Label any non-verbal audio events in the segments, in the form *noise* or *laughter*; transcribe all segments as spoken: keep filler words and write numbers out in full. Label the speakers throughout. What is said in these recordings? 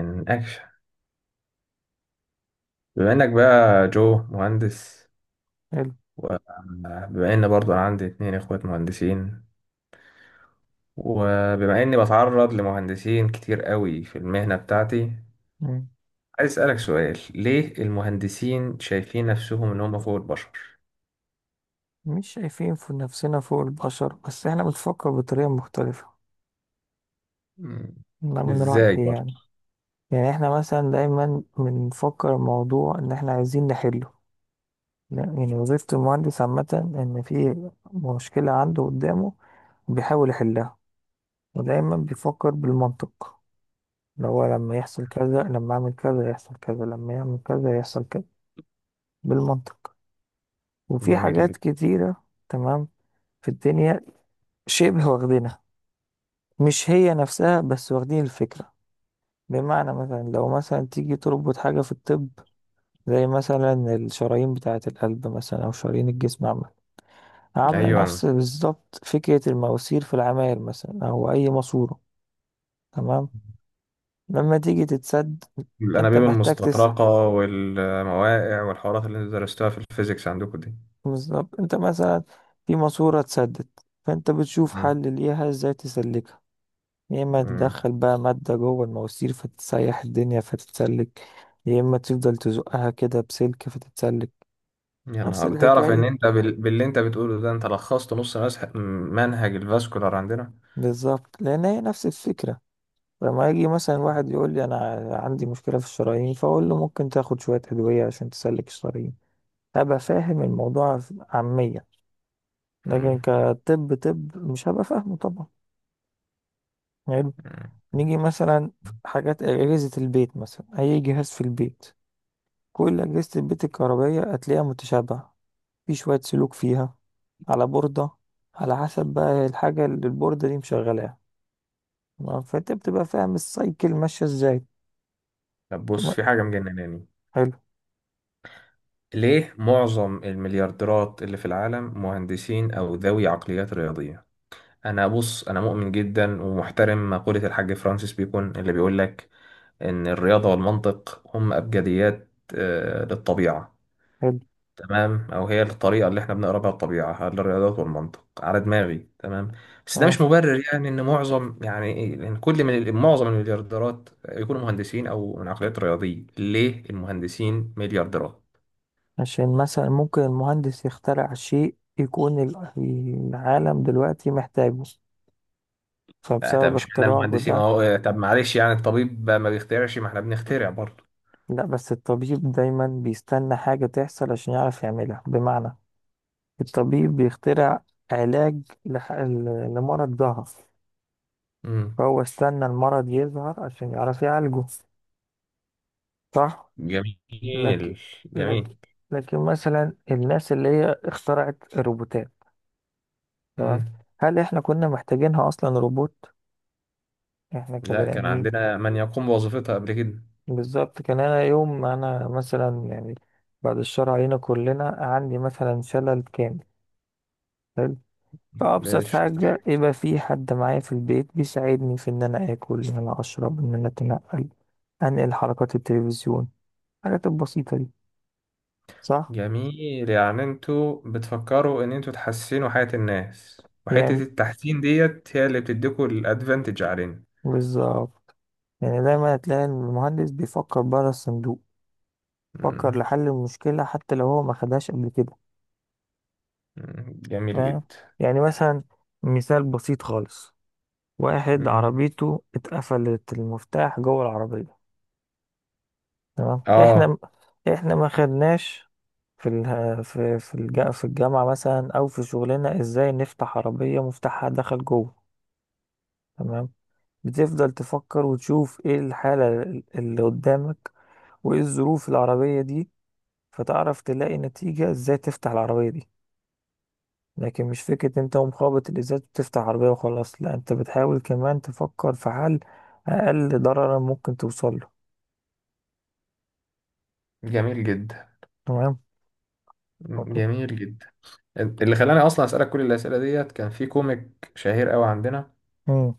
Speaker 1: من اكشن، بما انك بقى جو مهندس،
Speaker 2: حلو.
Speaker 1: وبما ان برضو انا عندي اتنين اخوات مهندسين، وبما اني بتعرض لمهندسين كتير قوي في المهنة بتاعتي،
Speaker 2: مم.
Speaker 1: عايز اسألك سؤال: ليه المهندسين شايفين نفسهم ان هم فوق البشر؟
Speaker 2: مش شايفين في نفسنا فوق البشر، بس احنا بنفكر بطريقة مختلفة.
Speaker 1: مم.
Speaker 2: ده من
Speaker 1: ازاي
Speaker 2: رأيي
Speaker 1: برضو؟
Speaker 2: يعني. يعني احنا مثلا دايما بنفكر الموضوع ان احنا عايزين نحله. لا، يعني وظيفة المهندس عامة ان في مشكلة عنده قدامه، بيحاول يحلها، ودايما بيفكر بالمنطق. اللي هو لما يحصل كذا، لما اعمل كذا يحصل كذا، لما يعمل كذا يحصل كذا. بالمنطق. وفي
Speaker 1: جميل جدا.
Speaker 2: حاجات كتيرة تمام في الدنيا شبه واخدينها. مش هي نفسها، بس واخدين الفكرة. بمعنى مثلا لو مثلا تيجي تربط حاجة في الطب، زي مثلا الشرايين بتاعة القلب مثلا أو شرايين الجسم عامة، عاملة
Speaker 1: ايوه،
Speaker 2: نفس بالظبط فكرة المواسير في العماير مثلا أو أي ماسورة. تمام. لما تيجي تتسد، أنت
Speaker 1: الانابيب
Speaker 2: محتاج تسأل.
Speaker 1: المستطرقة والمواقع والحوارات اللي انتوا درستوها في الفيزيكس عندكم دي.
Speaker 2: بالظبط، أنت مثلا في ماسورة اتسدت، فأنت بتشوف
Speaker 1: مم.
Speaker 2: حل ليها ازاي تسلكها. يا اما
Speaker 1: مم.
Speaker 2: تدخل بقى مادة جوه المواسير فتسيح الدنيا فتتسلك، يا اما تفضل تزقها كده بسلك فتتسلك.
Speaker 1: يا
Speaker 2: نفس
Speaker 1: نهار، بتعرف ان
Speaker 2: الحكاية
Speaker 1: انت بال... باللي انت بتقوله ده انت لخصت نص مسح... منهج الفاسكولار عندنا.
Speaker 2: بالظبط، لان هي نفس الفكرة. لما يجي مثلا واحد يقول لي انا عندي مشكلة في الشرايين، فاقول له ممكن تاخد شوية ادوية عشان تسلك الشرايين. هبقى فاهم الموضوع عامية، لكن
Speaker 1: مم.
Speaker 2: كطب طب مش هبقى فاهمه طبعا. حلو.
Speaker 1: مم.
Speaker 2: نيجي مثلا في حاجات أجهزة البيت، مثلا أي جهاز في البيت، كل أجهزة البيت الكهربائية هتلاقيها متشابهة. في شوية سلوك فيها على بوردة، على حسب بقى الحاجة اللي البوردة دي مشغلاها. تمام؟ فانت بتبقى فاهم السايكل ماشية ازاي.
Speaker 1: طب بص،
Speaker 2: تمام؟
Speaker 1: في حاجة مجنناني:
Speaker 2: حلو.
Speaker 1: ليه معظم المليارديرات اللي في العالم مهندسين او ذوي عقليات رياضية؟ انا بص، انا مؤمن جدا ومحترم مقولة الحاج فرانسيس بيكون اللي بيقول لك ان الرياضة والمنطق هم ابجديات، آه، للطبيعة.
Speaker 2: حلو.
Speaker 1: تمام، او هي الطريقه اللي احنا بنقرا بها الطبيعه، على الرياضات والمنطق على دماغي. تمام، بس ده
Speaker 2: تمام.
Speaker 1: مش مبرر، يعني ان معظم، يعني إيه؟ لان كل من معظم المليارديرات يكونوا مهندسين او من عقليات رياضيه. ليه المهندسين مليارديرات؟
Speaker 2: عشان مثلا ممكن المهندس يخترع شيء يكون ال- العالم دلوقتي محتاجه،
Speaker 1: لا طب
Speaker 2: فبسبب
Speaker 1: مش معنى
Speaker 2: اختراعه
Speaker 1: المهندسين
Speaker 2: ده.
Speaker 1: اهو، طب معلش يعني، الطبيب ما بيخترعش؟ ما احنا بنخترع برضه.
Speaker 2: لا، بس الطبيب دايما بيستنى حاجة تحصل عشان يعرف يعملها. بمعنى الطبيب بيخترع علاج لح- ل- لمرض ظهر.
Speaker 1: امم،
Speaker 2: فهو استنى المرض يظهر عشان يعرف يعالجه. صح.
Speaker 1: جميل.
Speaker 2: لكن
Speaker 1: جميل.
Speaker 2: لكن لكن مثلا الناس اللي هي اخترعت الروبوتات، تمام،
Speaker 1: امم،
Speaker 2: هل احنا كنا محتاجينها اصلا روبوت؟ احنا
Speaker 1: لا
Speaker 2: كبني
Speaker 1: كان
Speaker 2: ادمين.
Speaker 1: عندنا من يقوم بوظيفتها قبل
Speaker 2: بالظبط. كان انا يوم ما انا مثلا يعني، بعد الشر علينا كلنا، عندي مثلا شلل كامل. حلو.
Speaker 1: كده.
Speaker 2: فابسط حاجه يبقى في حد معايا في البيت بيساعدني في ان انا اكل، ان انا اشرب، ان انا اتنقل، انقل حركات التلفزيون، الحاجات البسيطه دي. صح.
Speaker 1: جميل، يعني انتوا بتفكروا ان انتوا تحسنوا حياة الناس، وحتة
Speaker 2: يعني
Speaker 1: التحسين ديت هي اللي بتديكوا الادفانتج علينا.
Speaker 2: بالظبط. يعني دايما هتلاقي إن المهندس بيفكر بره الصندوق، فكر
Speaker 1: مم.
Speaker 2: لحل المشكلة حتى لو هو ما خدهاش قبل كده.
Speaker 1: مم. جميل
Speaker 2: فاهم.
Speaker 1: جدا.
Speaker 2: يعني مثلا، مثال بسيط خالص، واحد
Speaker 1: مم.
Speaker 2: عربيته اتقفلت المفتاح جوه العربية. تمام.
Speaker 1: اه.
Speaker 2: احنا احنا ما خدناش في ال... في في, الج... في الجامعة مثلا او في شغلنا ازاي نفتح عربية مفتاحها دخل جوه. تمام. بتفضل تفكر وتشوف ايه الحالة اللي قدامك، وايه الظروف العربية دي، فتعرف تلاقي نتيجة ازاي تفتح العربية دي. لكن مش فكرة انت ومخابط الازاز بتفتح عربية وخلاص. لا، انت بتحاول كمان تفكر في حل اقل ضررا ممكن توصل له.
Speaker 1: جميل جدا.
Speaker 2: تمام.
Speaker 1: مم. جميل جدا. اللي خلاني اصلا اسألك كل الاسئلة ديت كان في كوميك شهير قوي عندنا.
Speaker 2: امم.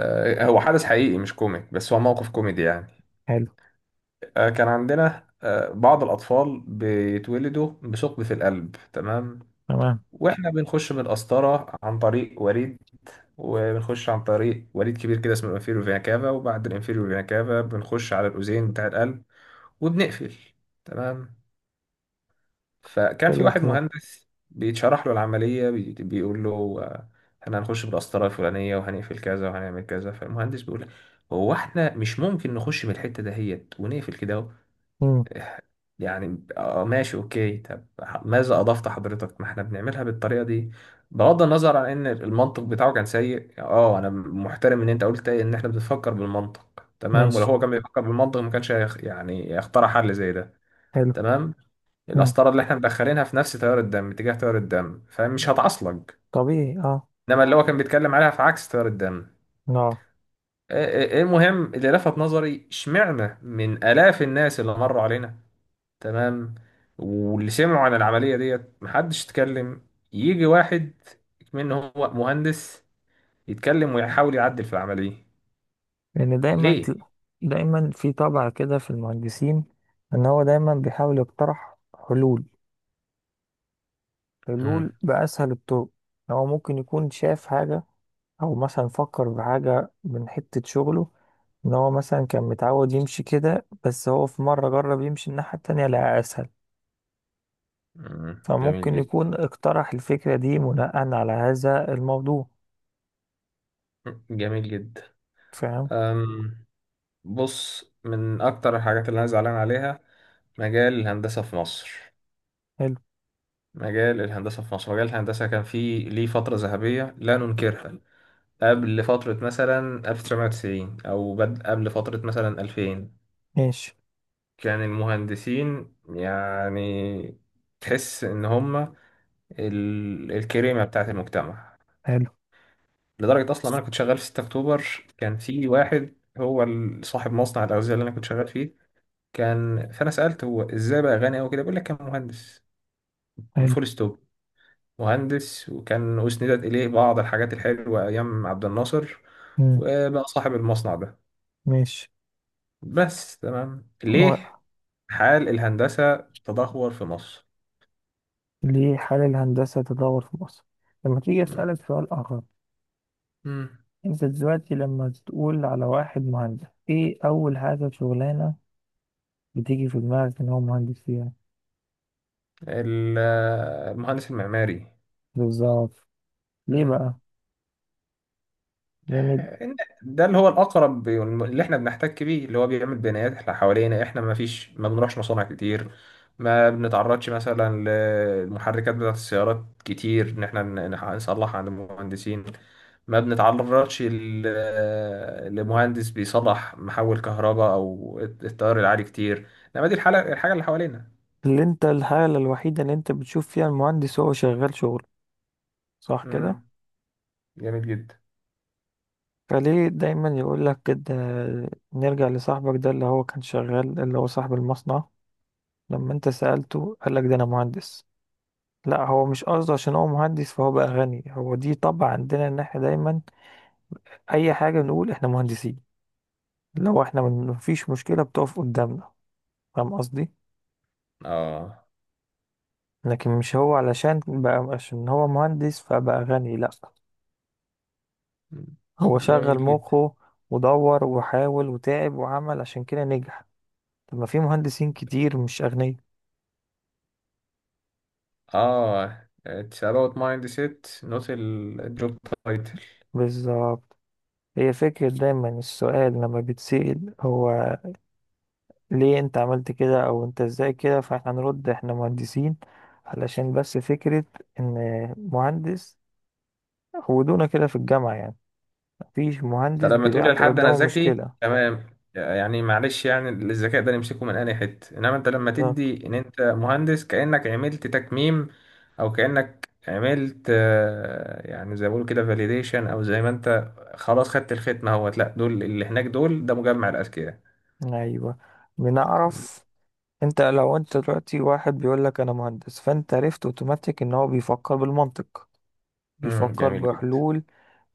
Speaker 1: آه، هو حدث حقيقي مش كوميك، بس هو موقف كوميدي يعني.
Speaker 2: حلو.
Speaker 1: آه، كان عندنا آه بعض الاطفال بيتولدوا بثقب في القلب، تمام؟
Speaker 2: تمام.
Speaker 1: واحنا بنخش بالقسطره عن طريق وريد، وبنخش عن طريق وريد كبير كده اسمه الانفيريور فينا كافا، وبعد الانفيريور فينا كافا بنخش على الاذين بتاع القلب وبنقفل. تمام؟ فكان في
Speaker 2: حلو
Speaker 1: واحد
Speaker 2: الكلام.
Speaker 1: مهندس بيتشرح له العملية، بي- بيقول له آه، احنا هنخش بالقسطرة الفلانية وهنقفل كذا وهنعمل كذا، فالمهندس بيقول له: هو احنا مش ممكن نخش من الحتة دهيت ونقفل كده؟
Speaker 2: امم.
Speaker 1: يعني اه ماشي، اوكي، طب ح- ماذا اضفت حضرتك؟ ما احنا بنعملها بالطريقه دي. بغض النظر عن ان المنطق بتاعه كان سيء، اه انا محترم ان انت قلت ان احنا بنفكر بالمنطق، تمام؟ ولو
Speaker 2: ماشي.
Speaker 1: هو كان بيفكر بالمنطق ما كانش هيخ- يعني يخترع حل زي ده.
Speaker 2: حلو.
Speaker 1: تمام،
Speaker 2: امم.
Speaker 1: القسطره اللي احنا مدخلينها في نفس تيار الدم، اتجاه تيار الدم، فمش هتعصلج.
Speaker 2: طبيعي اه.
Speaker 1: انما اللي هو كان بيتكلم عليها في عكس تيار الدم.
Speaker 2: اه.
Speaker 1: إيه- إيه- إيه المهم، اللي لفت نظري، اشمعنى من الاف الناس اللي مروا علينا، تمام، واللي سمعوا عن العملية ديت، محدش اتكلم. يجي واحد منه هو مهندس، يتكلم ويحاول يعدل في العملية.
Speaker 2: لان دايما
Speaker 1: ليه؟
Speaker 2: تل- دايما في طبع كده في المهندسين ان هو دايما بيحاول يقترح حلول،
Speaker 1: مم.
Speaker 2: حلول باسهل الطرق. هو ممكن يكون شاف حاجة، او مثلا فكر بحاجة من حتة شغله، ان هو مثلا كان متعود يمشي كده، بس هو في مرة جرب يمشي الناحية التانية لقى اسهل.
Speaker 1: مم. جميل
Speaker 2: فممكن
Speaker 1: جدا.
Speaker 2: يكون اقترح الفكرة دي بناء على هذا الموضوع.
Speaker 1: جميل جدا.
Speaker 2: فاهم.
Speaker 1: أم، بص، من أكتر الحاجات اللي أنا زعلان عليها مجال الهندسة في مصر.
Speaker 2: حلو.
Speaker 1: مجال الهندسة في مصر، مجال الهندسة كان فيه ليه فترة ذهبية لا ننكرها، قبل فترة مثلا ألف وتسعمية وتسعين، أو بد... قبل فترة مثلا ألفين،
Speaker 2: ماشي.
Speaker 1: كان المهندسين يعني تحس ان هم ال- الكريمه بتاعه المجتمع.
Speaker 2: حلو.
Speaker 1: لدرجه اصلا انا كنت شغال في ستة اكتوبر، كان في واحد هو ال- صاحب مصنع الاغذيه اللي انا كنت شغال فيه، كان، فانا سالته هو ازاي بقى غني قوي كده، بيقول لك كان مهندس.
Speaker 2: حلو.
Speaker 1: فول ستوب. مهندس، وكان اسندت اليه بعض الحاجات الحلوه ايام عبد الناصر،
Speaker 2: مم.
Speaker 1: وبقى صاحب المصنع ده.
Speaker 2: ماشي.
Speaker 1: بس تمام،
Speaker 2: و-
Speaker 1: ليه حال الهندسه تدهور في مصر؟
Speaker 2: ليه حال الهندسة تدور في مصر؟ لما تيجي أسألك سؤال آخر،
Speaker 1: مم.
Speaker 2: أنت دلوقتي لما تقول على واحد مهندس إيه أول حاجة شغلانة بتيجي في دماغك إن هو مهندس فيها؟
Speaker 1: ال- المهندس المعماري.
Speaker 2: بالظبط. ليه
Speaker 1: مم.
Speaker 2: بقى؟ يعني
Speaker 1: إن- ده اللي هو الأقرب، اللي إحنا بنحتك بيه، اللي هو بيعمل بنايات إحنا حوالينا. إحنا ما فيش، ما بنروحش مصانع كتير، ما بنتعرضش مثلا للمحركات بتاعة السيارات كتير، إن إحنا ن- نح- نصلح عند المهندسين. ما بنتعرضش ل- لمهندس بيصلح محول كهرباء أو التيار العالي كتير. إنما دي الحاجة، الحاجة اللي حوالينا.
Speaker 2: اللي انت الحالة الوحيدة اللي انت بتشوف فيها المهندس هو شغال شغل، صح كده؟
Speaker 1: مم. جميل جدا.
Speaker 2: فليه دايما يقول لك كده؟ نرجع لصاحبك ده اللي هو كان شغال، اللي هو صاحب المصنع، لما انت سألته قال لك ده انا مهندس. لا، هو مش قصده عشان هو مهندس فهو بقى غني. هو دي طبع عندنا ان احنا دايما اي حاجة بنقول احنا مهندسين. لو احنا من- مفيش مشكلة بتقف قدامنا. فاهم قصدي؟
Speaker 1: آه،
Speaker 2: لكن مش هو علشان بقى عشان هو مهندس فبقى غني. لا، هو شغل
Speaker 1: جميل جدا.
Speaker 2: مخه، ودور، وحاول، وتعب، وعمل، عشان كده نجح. طب ما في مهندسين كتير مش أغنياء.
Speaker 1: اه it's about mindset not ال- الجوب تايتل.
Speaker 2: بالظبط. هي فكرة دايما السؤال لما بتسأل هو ليه انت عملت كده، او انت ازاي كده، فاحنا هنرد احنا مهندسين. علشان بس فكرة ان مهندس، ودونا كده في الجامعة يعني. مفيش مهندس
Speaker 1: طب لما تقول
Speaker 2: بيعطي
Speaker 1: لحد انا
Speaker 2: قدامه
Speaker 1: ذكي،
Speaker 2: مشكلة.
Speaker 1: تمام، يعني معلش يعني الذكاء ده نمسكه من اي حته، انما انت لما
Speaker 2: بالظبط.
Speaker 1: تدي ان انت مهندس كانك عملت تكميم، او كانك عملت آه، يعني زي ما بيقولوا كده فاليديشن، او زي ما انت خلاص خدت الختمه اهوت، لا دول اللي هناك دول، ده مجمع الاذكياء.
Speaker 2: ايوه،
Speaker 1: مم.
Speaker 2: بنعرف. انت لو انت دلوقتي واحد بيقول لك انا مهندس، فانت عرفت اوتوماتيك ان هو بيفكر بالمنطق،
Speaker 1: مم،
Speaker 2: بيفكر
Speaker 1: جميل جدا.
Speaker 2: بحلول.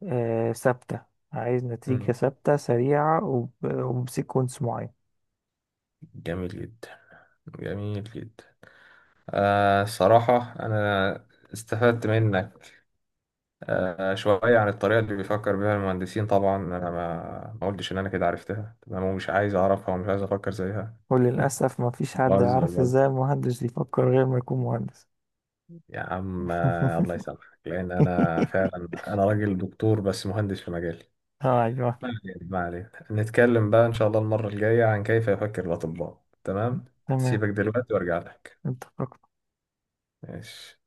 Speaker 2: آه، ثابتة. عايز نتيجة
Speaker 1: مم،
Speaker 2: ثابتة سريعة وب- وبسيكونس معين.
Speaker 1: جميل جدا. جميل جدا. آه، الصراحة أنا استفدت منك آه شوية عن الطريقة اللي بيفكر بيها المهندسين. طبعا أنا ما ما قلتش إن أنا كده عرفتها، تمام، ومش عايز أعرفها ومش عايز أفكر زيها.
Speaker 2: وللأسف ما فيش
Speaker 1: *laughs*
Speaker 2: حد
Speaker 1: بهزر
Speaker 2: يعرف
Speaker 1: بهزر
Speaker 2: ازاي المهندس يفكر غير ما يكون مهندس.
Speaker 1: يا عم، آه، الله
Speaker 2: *laughs*
Speaker 1: يسامحك، لأن أنا فعلا أنا راجل دكتور، بس مهندس في مجالي.
Speaker 2: اه ايوه.
Speaker 1: ما علينا، ما علينا، نتكلم بقى إن شاء الله المرة الجاية عن كيف يفكر الأطباء. تمام،
Speaker 2: تمام.
Speaker 1: سيبك دلوقتي وأرجع لك.
Speaker 2: انت فكرت
Speaker 1: ماشي.